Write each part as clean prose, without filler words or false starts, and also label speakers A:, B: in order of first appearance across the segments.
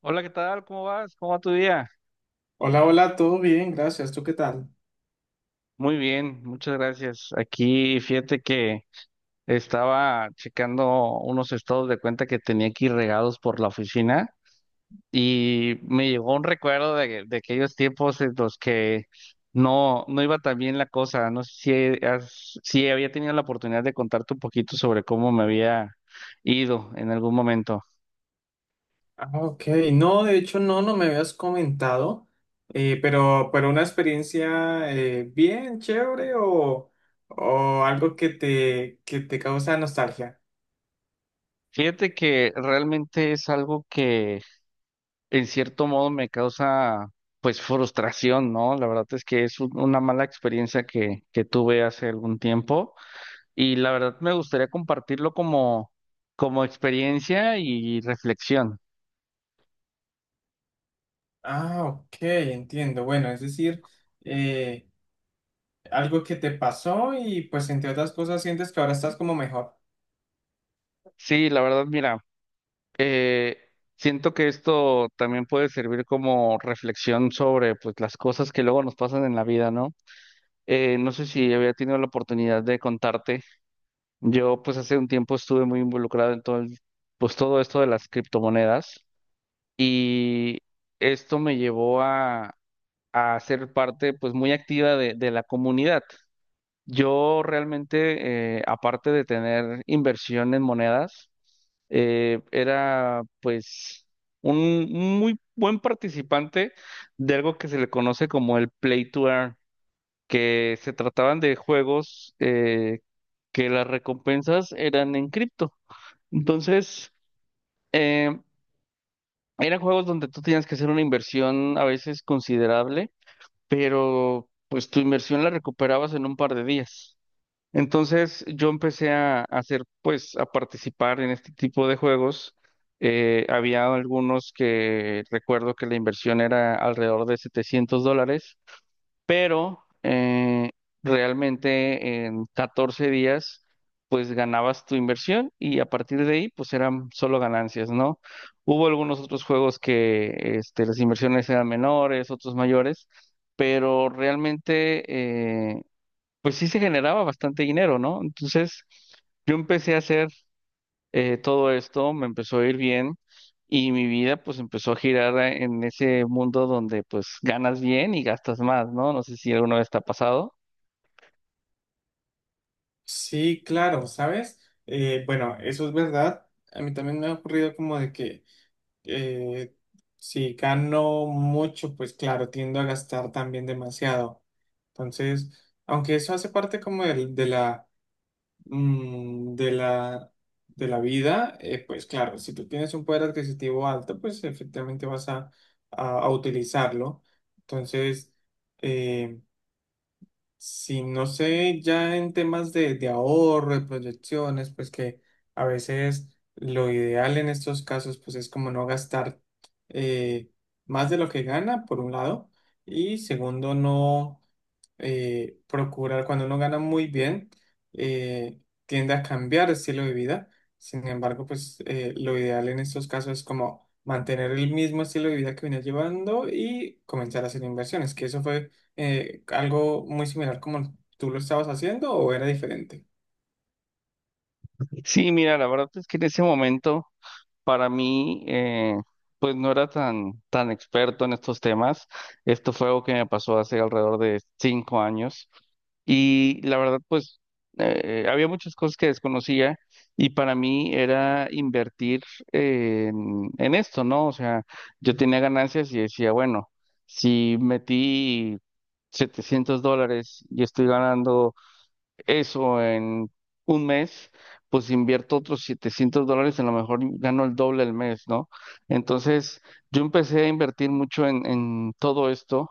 A: Hola, ¿qué tal? ¿Cómo vas? ¿Cómo va tu día?
B: Hola, hola, todo bien, gracias. ¿Tú qué tal?
A: Muy bien, muchas gracias. Aquí fíjate que estaba checando unos estados de cuenta que tenía aquí regados por la oficina y me llegó un recuerdo de aquellos tiempos en los que no, no iba tan bien la cosa. No sé si había tenido la oportunidad de contarte un poquito sobre cómo me había ido en algún momento.
B: Ah, ok. No, de hecho, no, no me habías comentado, pero una experiencia bien chévere o algo que te causa nostalgia.
A: Fíjate que realmente es algo que en cierto modo me causa pues frustración, ¿no? La verdad es que es una mala experiencia que tuve hace algún tiempo y la verdad me gustaría compartirlo como experiencia y reflexión.
B: Ah, ok, entiendo. Bueno, es decir, eh, algo que te pasó y pues entre otras cosas sientes que ahora estás como mejor.
A: Sí, la verdad, mira, eh, siento que esto también puede servir como reflexión sobre pues las cosas que luego nos pasan en la vida, ¿no? No sé si había tenido la oportunidad de contarte. Yo pues hace un tiempo estuve muy involucrado en todo el pues todo esto de las criptomonedas y esto me llevó a ser parte pues muy activa de la comunidad. Yo realmente, aparte de tener inversión en monedas, era pues un muy buen participante de algo que se le conoce como el Play to Earn, que se trataban de juegos que las recompensas eran en cripto. Entonces, eh, eran juegos donde tú tenías que hacer una inversión a veces considerable, pero pues tu inversión la recuperabas en un par de días. Entonces yo empecé pues, a participar en este tipo de juegos. Había algunos que recuerdo que la inversión era alrededor de $700, pero realmente en 14 días pues ganabas tu inversión y a partir de ahí pues eran solo ganancias, ¿no? Hubo algunos otros juegos que este, las inversiones eran menores, otros mayores, pero realmente eh, pues sí se generaba bastante dinero, ¿no? Entonces yo empecé a hacer. Todo esto me empezó a ir bien y mi vida pues empezó a girar en ese mundo donde pues ganas bien y gastas más, ¿no? No sé si alguna vez te ha pasado.
B: Sí, claro, ¿sabes? Bueno, eso es verdad. A mí también me ha ocurrido como de que eh, si gano mucho, pues claro, tiendo a gastar también demasiado. Entonces, aunque eso hace parte como del- de, la, mm, de la vida, pues claro, si tú tienes un poder adquisitivo alto, pues efectivamente vas a utilizarlo. Entonces, eh, si no sé, ya en temas de ahorro, de proyecciones, pues que a veces lo ideal en estos casos, pues es como no gastar eh, más de lo que gana, por un lado, y segundo, no procurar, cuando uno gana muy bien, eh, tiende a cambiar el estilo de vida. Sin embargo, pues lo ideal en estos casos es como mantener el mismo estilo de vida que venía llevando y comenzar a hacer inversiones, que eso fue algo muy similar como tú lo estabas haciendo o era diferente.
A: Sí, mira, la verdad es que en ese momento para mí, pues no era tan experto en estos temas. Esto fue algo que me pasó hace alrededor de 5 años. Y la verdad, pues había muchas cosas que desconocía y para mí era invertir en esto, ¿no? O sea, yo tenía ganancias y decía, bueno, si metí $700 y estoy ganando eso en un mes, pues invierto otros $700, a lo mejor gano el doble el mes, ¿no? Entonces, yo empecé a invertir mucho en todo esto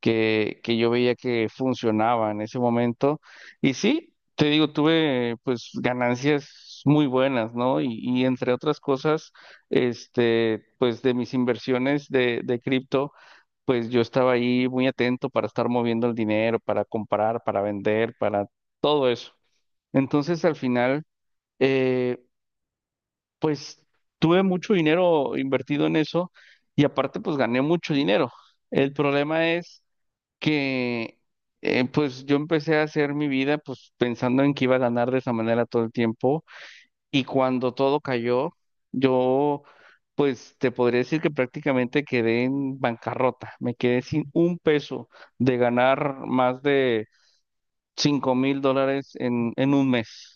A: que yo veía que funcionaba en ese momento. Y sí, te digo, tuve pues ganancias muy buenas, ¿no? Y entre otras cosas, este, pues de mis inversiones de cripto pues yo estaba ahí muy atento para estar moviendo el dinero, para comprar, para vender, para todo eso. Entonces al final, eh, pues tuve mucho dinero invertido en eso y aparte pues gané mucho dinero. El problema es que pues yo empecé a hacer mi vida pues pensando en que iba a ganar de esa manera todo el tiempo, y cuando todo cayó, yo, pues te podría decir que prácticamente quedé en bancarrota. Me quedé sin un peso, de ganar más de $5.000 en un mes.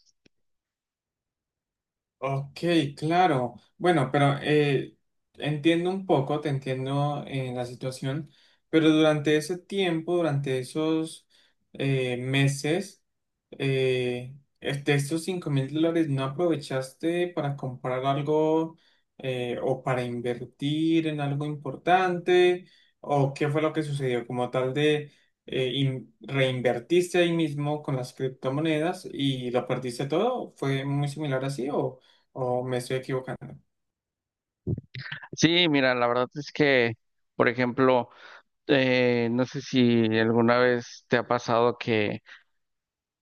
B: Ok, claro. Bueno, pero entiendo un poco, te entiendo en la situación, pero durante ese tiempo, durante esos meses, eh, estos $5.000 no aprovechaste para comprar algo o para invertir en algo importante, o qué fue lo que sucedió como tal de reinvertiste ahí mismo con las criptomonedas y lo perdiste todo. ¿Fue muy similar así o? Oh, me estoy equivocando.
A: Sí, mira, la verdad es que, por ejemplo, no sé si alguna vez te ha pasado que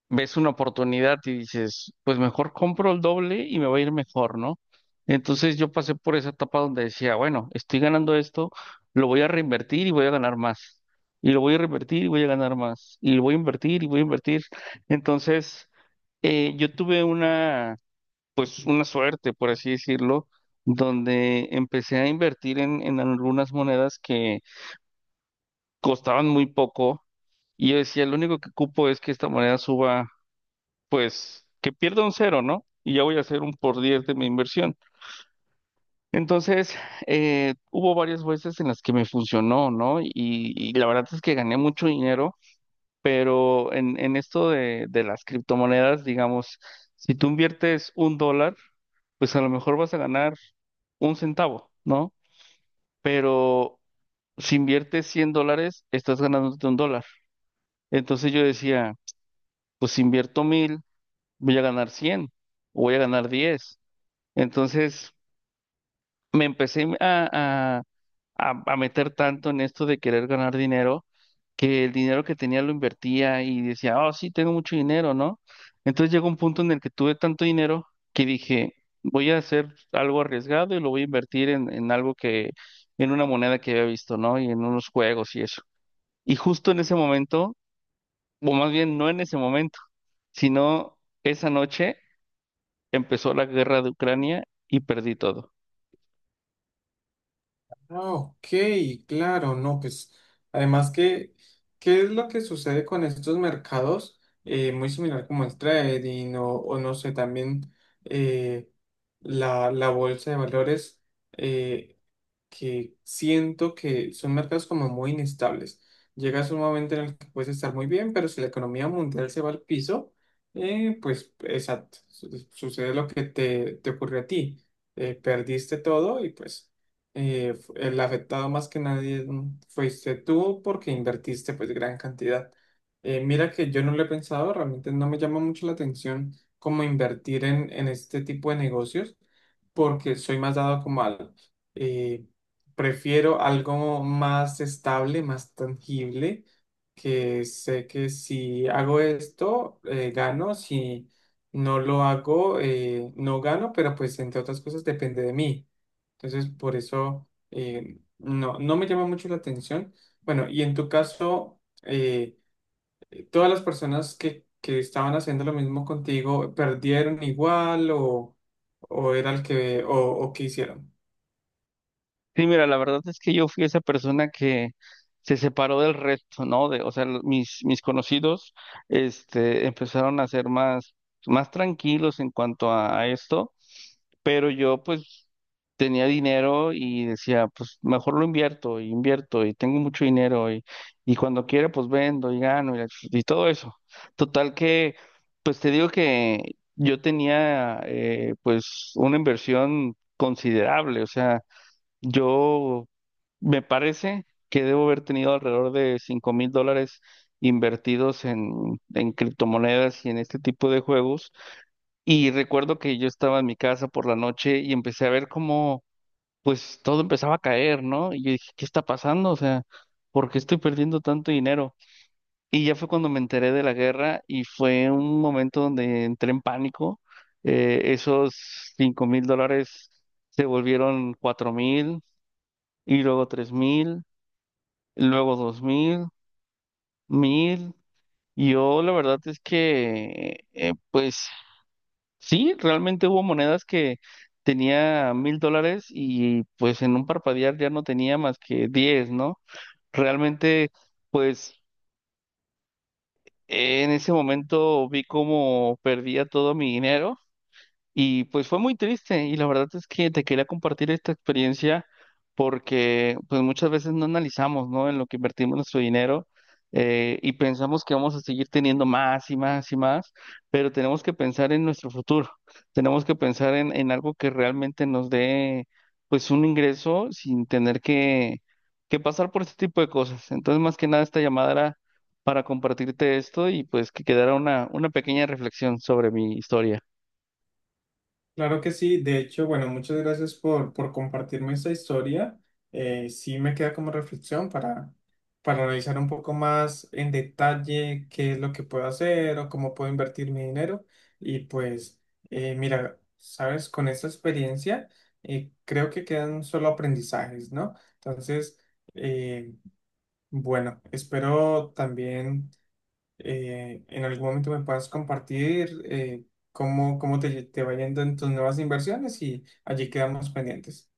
A: ves una oportunidad y dices, pues mejor compro el doble y me va a ir mejor, ¿no? Entonces yo pasé por esa etapa donde decía, bueno, estoy ganando esto, lo voy a reinvertir y voy a ganar más. Y lo voy a reinvertir y voy a ganar más. Y lo voy a invertir y voy a invertir. Entonces, yo tuve una suerte, por así decirlo, donde empecé a invertir en algunas monedas que costaban muy poco. Y yo decía, lo único que cupo es que esta moneda suba, pues que pierda un cero, ¿no? Y ya voy a hacer un por 10 de mi inversión. Entonces, hubo varias veces en las que me funcionó, ¿no? Y la verdad es que gané mucho dinero, pero en esto de las criptomonedas, digamos, si tú inviertes un dólar, pues a lo mejor vas a ganar un centavo, ¿no? Pero si inviertes $100, estás ganándote un dólar. Entonces yo decía, pues si invierto 1.000, voy a ganar 100, o voy a ganar 10. Entonces me empecé a meter tanto en esto de querer ganar dinero, que el dinero que tenía lo invertía y decía, oh, sí, tengo mucho dinero, ¿no? Entonces llegó un punto en el que tuve tanto dinero que dije, voy a hacer algo arriesgado y lo voy a invertir en una moneda que había visto, ¿no? Y en unos juegos y eso. Y justo en ese momento, o más bien no en ese momento, sino esa noche, empezó la guerra de Ucrania y perdí todo.
B: Ah, ok, claro, no, pues además que, ¿qué es lo que sucede con estos mercados? Muy similar como el trading o no sé, también eh, la bolsa de valores. eh, que siento que son mercados como muy inestables. Llegas a un momento en el que puedes estar muy bien, pero si la economía mundial se va al piso, pues exacto, sucede lo que te ocurrió a ti. Perdiste todo y pues el afectado más que nadie fuiste tú porque invertiste pues gran cantidad. Mira que yo no lo he pensado, realmente no me llama mucho la atención cómo invertir en este tipo de negocios porque soy más dado como al, eh, prefiero algo más estable, más tangible, que sé que si hago esto, gano, si no lo hago, no gano, pero pues entre otras cosas depende de mí. Entonces, por eso no, no me llama mucho la atención. Bueno, y en tu caso, ¿todas las personas que estaban haciendo lo mismo contigo perdieron igual o era el que, o qué hicieron?
A: Sí, mira, la verdad es que yo fui esa persona que se separó del resto, ¿no? O sea, mis conocidos, este, empezaron a ser más tranquilos en cuanto a esto, pero yo, pues, tenía dinero y decía, pues, mejor lo invierto, y invierto, y tengo mucho dinero, y cuando quiera, pues, vendo y gano, y todo eso. Total que, pues, te digo que yo tenía, pues, una inversión considerable, o sea, yo me parece que debo haber tenido alrededor de $5.000 invertidos en criptomonedas y en este tipo de juegos. Y recuerdo que yo estaba en mi casa por la noche y empecé a ver cómo pues todo empezaba a caer, ¿no? Y yo dije, ¿qué está pasando? O sea, ¿por qué estoy perdiendo tanto dinero? Y ya fue cuando me enteré de la guerra y fue un momento donde entré en pánico. Esos $5.000 se volvieron 4.000, y luego 3.000, luego 2.000, 1.000. Yo la verdad es que, pues sí, realmente hubo monedas que tenía $1.000 y pues en un parpadear ya no tenía más que 10, ¿no? Realmente, pues en ese momento vi cómo perdía todo mi dinero. Y pues fue muy triste y la verdad es que te quería compartir esta experiencia, porque pues muchas veces no analizamos, ¿no?, en lo que invertimos nuestro dinero, y pensamos que vamos a seguir teniendo más y más y más, pero tenemos que pensar en nuestro futuro, tenemos que pensar en algo que realmente nos dé pues un ingreso, sin tener que pasar por este tipo de cosas. Entonces más que nada esta llamada era para compartirte esto y pues que quedara una pequeña reflexión sobre mi historia.
B: Claro que sí, de hecho, bueno, muchas gracias por compartirme esta historia. Sí me queda como reflexión para analizar un poco más en detalle qué es lo que puedo hacer o cómo puedo invertir mi dinero. Y pues, mira, sabes, con esta experiencia creo que quedan solo aprendizajes, ¿no? Entonces, eh, bueno, espero también en algún momento me puedas compartir cómo, cómo te va yendo en tus nuevas inversiones y allí quedamos pendientes.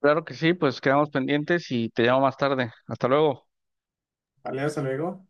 A: Claro que sí, pues quedamos pendientes y te llamo más tarde. Hasta luego.
B: Vale, hasta luego.